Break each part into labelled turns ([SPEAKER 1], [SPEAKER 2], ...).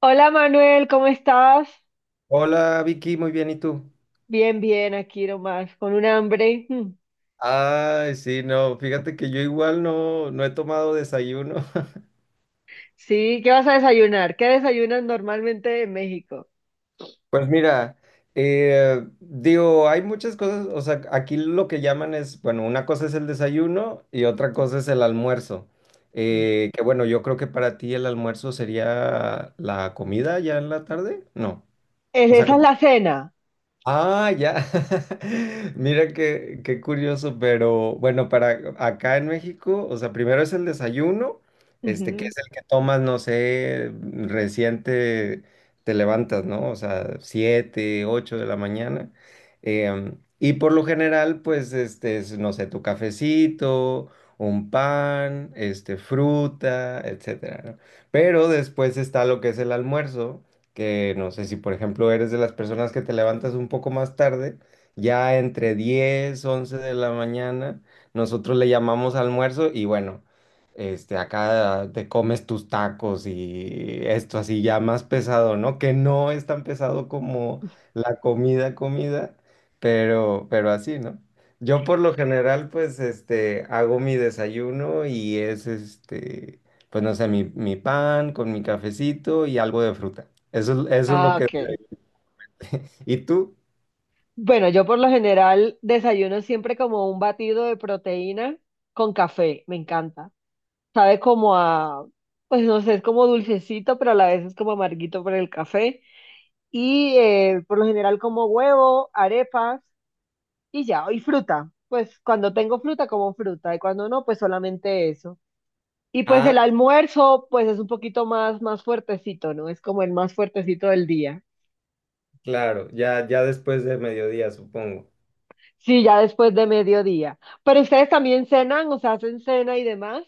[SPEAKER 1] Hola Manuel, ¿cómo estás?
[SPEAKER 2] Hola Vicky, muy bien, ¿y tú?
[SPEAKER 1] Bien, bien, aquí nomás, con un hambre. Mm.
[SPEAKER 2] Ay, sí, no, fíjate que yo igual no he tomado desayuno.
[SPEAKER 1] Sí, ¿qué vas a desayunar? ¿Qué desayunas normalmente en México?
[SPEAKER 2] Pues mira, digo, hay muchas cosas, o sea, aquí lo que llaman es, bueno, una cosa es el desayuno y otra cosa es el almuerzo.
[SPEAKER 1] Mm.
[SPEAKER 2] Que bueno, yo creo que para ti el almuerzo sería la comida ya en la tarde, ¿no? O sea,
[SPEAKER 1] ¿Esa es la cena?
[SPEAKER 2] ah, ya. Mira qué curioso, pero bueno, para acá en México, o sea, primero es el desayuno, este, que
[SPEAKER 1] Ujú.
[SPEAKER 2] es el que tomas, no sé, reciente te levantas, ¿no? O sea, siete, ocho de la mañana. Y por lo general, pues, este, es, no sé, tu cafecito, un pan, este, fruta, etcétera, ¿no? Pero después está lo que es el almuerzo, que no sé si por ejemplo eres de las personas que te levantas un poco más tarde, ya entre 10 11 de la mañana, nosotros le llamamos almuerzo y bueno, este, acá te comes tus tacos y esto así ya más pesado, ¿no? Que no es tan pesado como la comida, comida, pero así, ¿no? Yo por lo general pues este hago mi desayuno y es este pues no sé, mi pan con mi cafecito y algo de fruta. Eso, eso es lo
[SPEAKER 1] Ah,
[SPEAKER 2] que...
[SPEAKER 1] ok.
[SPEAKER 2] ¿Y tú?
[SPEAKER 1] Bueno, yo por lo general desayuno siempre como un batido de proteína con café, me encanta. Sabe como a, pues no sé, es como dulcecito, pero a la vez es como amarguito por el café. Y por lo general como huevo, arepas. Y ya, y fruta. Pues cuando tengo fruta, como fruta, y cuando no, pues solamente eso. Y pues
[SPEAKER 2] Ah,
[SPEAKER 1] el almuerzo, pues es un poquito más fuertecito, ¿no? Es como el más fuertecito del día.
[SPEAKER 2] claro, ya, ya después de mediodía, supongo.
[SPEAKER 1] Sí, ya después de mediodía. Pero ustedes también cenan, o sea, hacen cena y demás.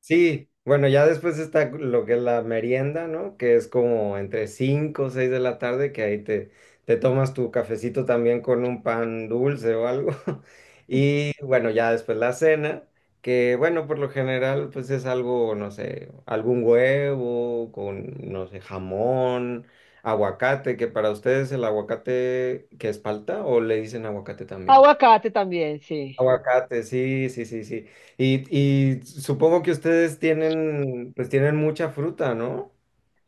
[SPEAKER 2] Sí, bueno, ya después está lo que es la merienda, ¿no? Que es como entre 5 o 6 de la tarde, que ahí te, te tomas tu cafecito también con un pan dulce o algo. Y bueno, ya después la cena, que bueno, por lo general, pues es algo, no sé, algún huevo con, no sé, jamón, aguacate, que para ustedes el aguacate, ¿que es palta o le dicen aguacate también?
[SPEAKER 1] Aguacate también, sí.
[SPEAKER 2] Aguacate, sí, sí, sí, sí. Y supongo que ustedes tienen, pues tienen mucha fruta, ¿no?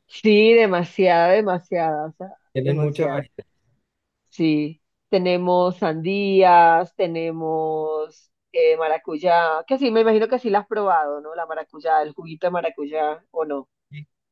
[SPEAKER 1] Sí, demasiada, demasiada, o sea,
[SPEAKER 2] Tienen mucha
[SPEAKER 1] demasiado.
[SPEAKER 2] variedad.
[SPEAKER 1] Sí, tenemos sandías, tenemos maracuyá, que sí, me imagino que sí la has probado, ¿no? La maracuyá, el juguito de maracuyá, ¿o no?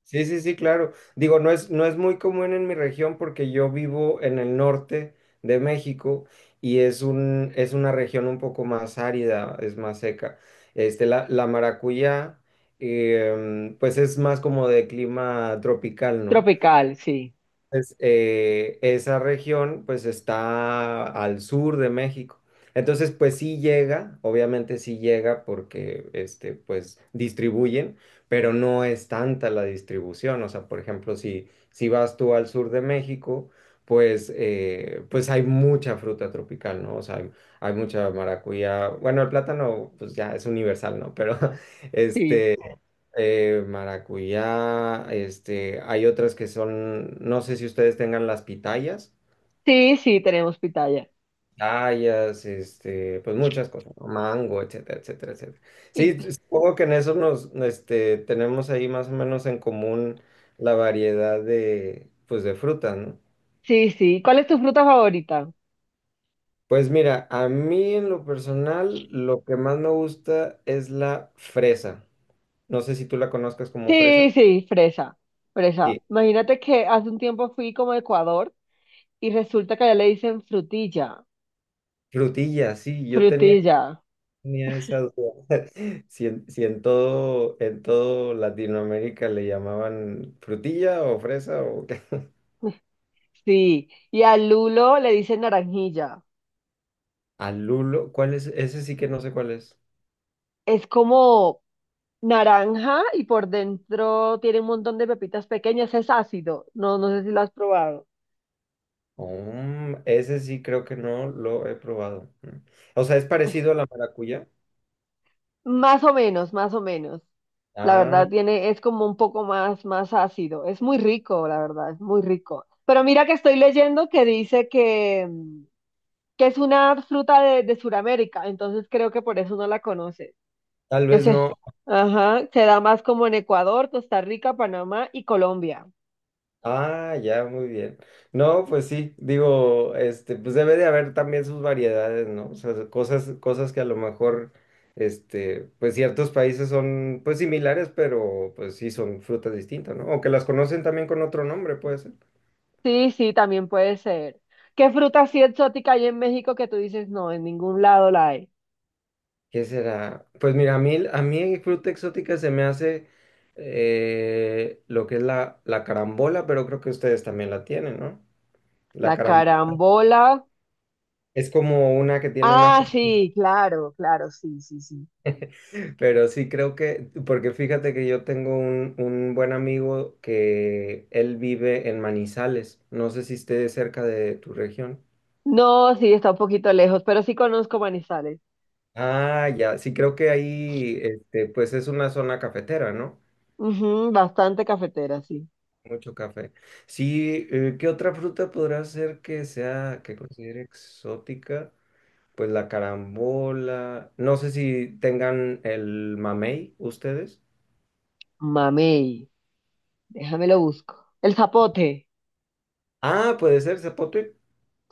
[SPEAKER 2] Sí, sí, sí, claro. Digo, no es muy común en mi región porque yo vivo en el norte de México y es un, es una región un poco más árida, es más seca. Este, la maracuyá, pues es más como de clima tropical, ¿no?
[SPEAKER 1] Tropical, sí,
[SPEAKER 2] Entonces, esa región pues está al sur de México. Entonces, pues sí llega, obviamente sí llega porque este, pues distribuyen, pero no es tanta la distribución. O sea, por ejemplo, si vas tú al sur de México, pues, pues hay mucha fruta tropical, ¿no? O sea, hay mucha maracuyá. Bueno, el plátano pues ya es universal, ¿no? Pero
[SPEAKER 1] sí,
[SPEAKER 2] este maracuyá, este, hay otras que son, no sé si ustedes tengan las pitayas,
[SPEAKER 1] sí, sí, tenemos pitaya.
[SPEAKER 2] pitayas, este, pues muchas cosas, ¿no? Mango, etcétera, etcétera, etcétera.
[SPEAKER 1] Y,
[SPEAKER 2] Sí, supongo que en eso nos, este, tenemos ahí más o menos en común la variedad de, pues de frutas, ¿no?
[SPEAKER 1] sí, sí, ¿cuál es tu fruta favorita?
[SPEAKER 2] Pues mira, a mí en lo personal lo que más me gusta es la fresa. No sé si tú la conozcas como fresa.
[SPEAKER 1] Sí, sí, fresa, fresa.
[SPEAKER 2] Sí,
[SPEAKER 1] Imagínate que hace un tiempo fui como a Ecuador y resulta que allá le dicen frutilla,
[SPEAKER 2] frutilla, sí, yo tenía
[SPEAKER 1] frutilla,
[SPEAKER 2] tenía esa duda. Si en, si en todo, en todo Latinoamérica le llamaban frutilla o fresa o qué.
[SPEAKER 1] sí, y al lulo le dicen naranjilla.
[SPEAKER 2] ¿Al lulo cuál es? Ese sí que no sé cuál es.
[SPEAKER 1] Es como, naranja y por dentro tiene un montón de pepitas pequeñas. Es ácido. No, no sé si lo has probado.
[SPEAKER 2] Mm, ese sí creo que no lo he probado. Mm. O sea, es parecido a la maracuyá.
[SPEAKER 1] Más o menos, más o menos. La
[SPEAKER 2] Ah,
[SPEAKER 1] verdad tiene, es como un poco más ácido. Es muy rico, la verdad, es muy rico. Pero mira que estoy leyendo que dice que, que es una fruta de Sudamérica, entonces creo que por eso no la conoces.
[SPEAKER 2] tal
[SPEAKER 1] Que
[SPEAKER 2] vez
[SPEAKER 1] se,
[SPEAKER 2] no.
[SPEAKER 1] ajá, se da más como en Ecuador, Costa Rica, Panamá y Colombia.
[SPEAKER 2] Ah, ya, muy bien. No, pues sí, digo, este, pues debe de haber también sus variedades, ¿no? O sea, cosas, cosas que a lo mejor, este, pues ciertos países son, pues similares, pero pues sí son frutas distintas, ¿no? O que las conocen también con otro nombre, puede ser.
[SPEAKER 1] Sí, sí, también puede ser. ¿Qué fruta así exótica hay en México que tú dices, no, en ningún lado la hay?
[SPEAKER 2] ¿Qué será? Pues mira, a mí fruta exótica se me hace lo que es la carambola, pero creo que ustedes también la tienen, ¿no? La
[SPEAKER 1] La
[SPEAKER 2] carambola
[SPEAKER 1] carambola.
[SPEAKER 2] es como una que tiene una
[SPEAKER 1] Ah,
[SPEAKER 2] forma.
[SPEAKER 1] sí, claro, claro, sí, sí, sí.
[SPEAKER 2] Pero sí creo que, porque fíjate que yo tengo un buen amigo que él vive en Manizales. No sé si esté cerca de tu región.
[SPEAKER 1] No, sí, está un poquito lejos, pero sí conozco Manizales.
[SPEAKER 2] Ah, ya, sí creo que ahí, este, pues es una zona cafetera, ¿no?
[SPEAKER 1] Ujú, bastante cafetera, sí.
[SPEAKER 2] Mucho café. Sí, ¿qué otra fruta podrá ser que sea, que considere exótica? Pues la carambola. No sé si tengan el mamey ustedes.
[SPEAKER 1] Mamey, déjame lo busco. El zapote.
[SPEAKER 2] Ah, puede ser zapote.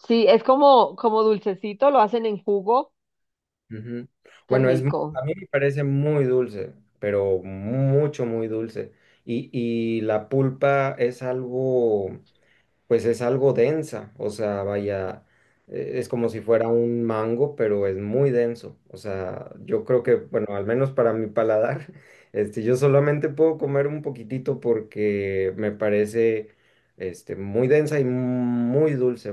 [SPEAKER 1] Sí, es como, como dulcecito, lo hacen en jugo.
[SPEAKER 2] Ujú.
[SPEAKER 1] Qué
[SPEAKER 2] Bueno, es,
[SPEAKER 1] rico.
[SPEAKER 2] a mí me parece muy dulce, pero mucho, muy dulce. Y la pulpa es algo, pues es algo densa, o sea, vaya, es como si fuera un mango, pero es muy denso. O sea, yo creo que, bueno, al menos para mi paladar, este, yo solamente puedo comer un poquitito porque me parece, este, muy densa y muy dulce,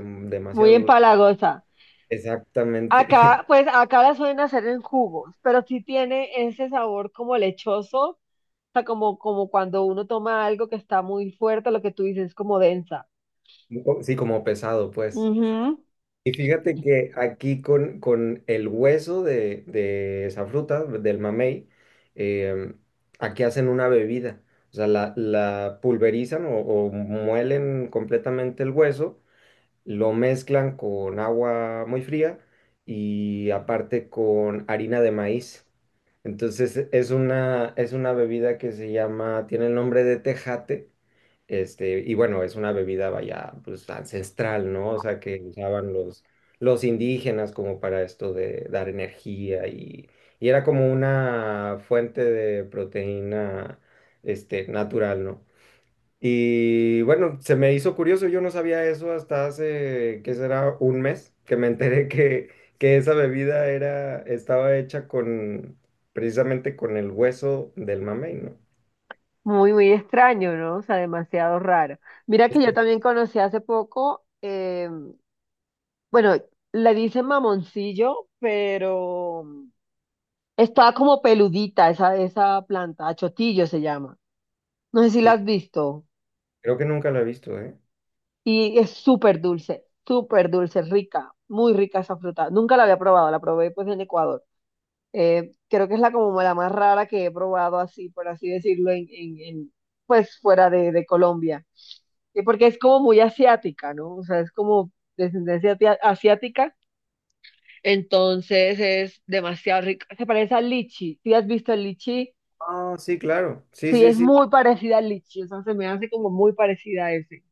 [SPEAKER 1] Muy
[SPEAKER 2] demasiado dulce.
[SPEAKER 1] empalagosa.
[SPEAKER 2] Exactamente.
[SPEAKER 1] Acá, pues acá la suelen hacer en jugos, pero sí tiene ese sabor como lechoso, o sea, como, como cuando uno toma algo que está muy fuerte, lo que tú dices, es como densa.
[SPEAKER 2] Sí, como pesado, pues.
[SPEAKER 1] Ujú.
[SPEAKER 2] Y fíjate que aquí con el hueso de esa fruta, del mamey, em, aquí hacen una bebida. O sea, la pulverizan o muelen completamente el hueso, lo mezclan con agua muy fría y aparte con harina de maíz. Entonces es una bebida que se llama, tiene el nombre de tejate, este, y bueno, es una bebida vaya, pues ancestral, ¿no? O sea, que usaban los indígenas como para esto de dar energía y era como una fuente de proteína, este, natural, ¿no? Y bueno, se me hizo curioso, yo no sabía eso hasta hace, ¿qué será? Un mes, que me enteré que esa bebida era, estaba hecha con, precisamente con el hueso del mamey, ¿no?
[SPEAKER 1] Muy, muy extraño, ¿no? O sea, demasiado raro. Mira
[SPEAKER 2] Es
[SPEAKER 1] que yo
[SPEAKER 2] cu-
[SPEAKER 1] también conocí hace poco, bueno, le dicen mamoncillo, pero está como peludita esa, esa planta, achotillo se llama. No sé si la
[SPEAKER 2] Sí,
[SPEAKER 1] has visto.
[SPEAKER 2] creo que nunca la he visto, ¿eh?
[SPEAKER 1] Y es súper dulce, rica, muy rica esa fruta. Nunca la había probado, la probé pues en Ecuador. Creo que es la como la más rara que he probado así, por así decirlo, pues fuera de Colombia. Y porque es como muy asiática, ¿no? O sea, es como descendencia asiática, entonces es demasiado rica. Se parece al lichi. ¿Sí has visto el lichi?
[SPEAKER 2] Ah, sí, claro. Sí,
[SPEAKER 1] Sí,
[SPEAKER 2] sí,
[SPEAKER 1] es
[SPEAKER 2] sí.
[SPEAKER 1] muy parecida al lichi, o sea, se me hace como muy parecida a ese.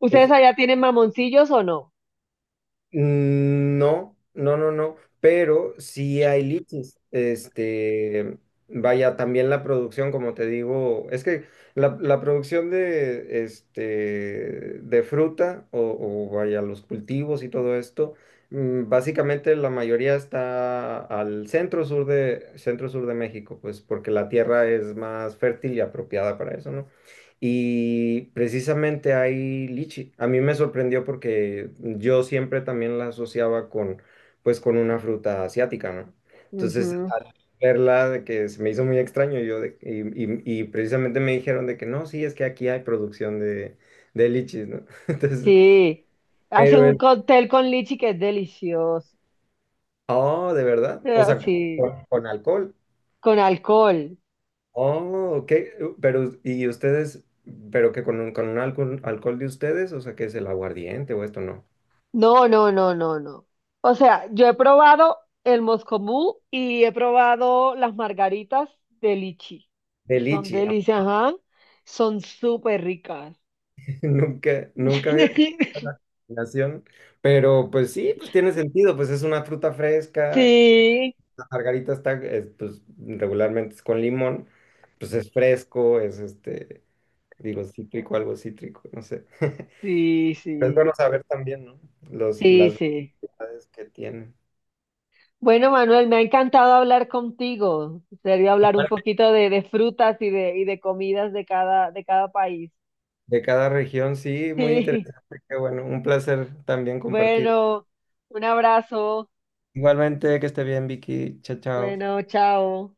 [SPEAKER 1] ¿Ustedes
[SPEAKER 2] Es-
[SPEAKER 1] allá tienen mamoncillos o no?
[SPEAKER 2] Mm, no, no, no, no. Pero sí hay lichis. Este, vaya, también la producción, como te digo, es que la producción de, este, de fruta o vaya, los cultivos y todo esto, mm, básicamente la mayoría está al centro sur de México, pues porque la tierra es más fértil y apropiada para eso, ¿no? Y precisamente hay lichi. A mí me sorprendió porque yo siempre también la asociaba con, pues, con una fruta asiática, ¿no? Entonces,
[SPEAKER 1] Ujú.
[SPEAKER 2] al verla, de que se me hizo muy extraño, y, y precisamente me dijeron de que no, sí, es que aquí hay producción de lichis, ¿no? Entonces,
[SPEAKER 1] Sí, hace
[SPEAKER 2] pero
[SPEAKER 1] un
[SPEAKER 2] el,
[SPEAKER 1] cóctel con lichi que es delicioso.
[SPEAKER 2] oh, de verdad, o
[SPEAKER 1] Ah,
[SPEAKER 2] sea,
[SPEAKER 1] sí,
[SPEAKER 2] con alcohol.
[SPEAKER 1] con alcohol.
[SPEAKER 2] Oh, ok, pero, ¿y ustedes, pero que con, con un alcohol, alcohol de ustedes, o sea, que es el aguardiente o esto, no?
[SPEAKER 1] No, no, no, no, no. O sea, yo he probado el moscomú y he probado las margaritas de lichi.
[SPEAKER 2] De
[SPEAKER 1] Y son
[SPEAKER 2] lichi.
[SPEAKER 1] delicias, ajá. Son súper ricas.
[SPEAKER 2] Nunca había visto la combinación, pero pues sí, pues tiene sentido, pues es una fruta fresca,
[SPEAKER 1] Sí,
[SPEAKER 2] la margarita está, es, pues regularmente es con limón, pues es fresco, es este, digo, cítrico, algo cítrico, no sé.
[SPEAKER 1] sí,
[SPEAKER 2] Pero es
[SPEAKER 1] sí,
[SPEAKER 2] bueno saber también, ¿no? Los,
[SPEAKER 1] sí,
[SPEAKER 2] las
[SPEAKER 1] sí.
[SPEAKER 2] variedades que tiene.
[SPEAKER 1] Bueno, Manuel, me ha encantado hablar contigo. Sería
[SPEAKER 2] Y
[SPEAKER 1] hablar un
[SPEAKER 2] parte
[SPEAKER 1] poquito de frutas y de comidas de cada país.
[SPEAKER 2] de cada región, sí, muy
[SPEAKER 1] Sí,
[SPEAKER 2] interesante, qué bueno, un placer también compartir.
[SPEAKER 1] bueno, un abrazo.
[SPEAKER 2] Igualmente, que esté bien, Vicky, chao, chao.
[SPEAKER 1] Bueno, chao.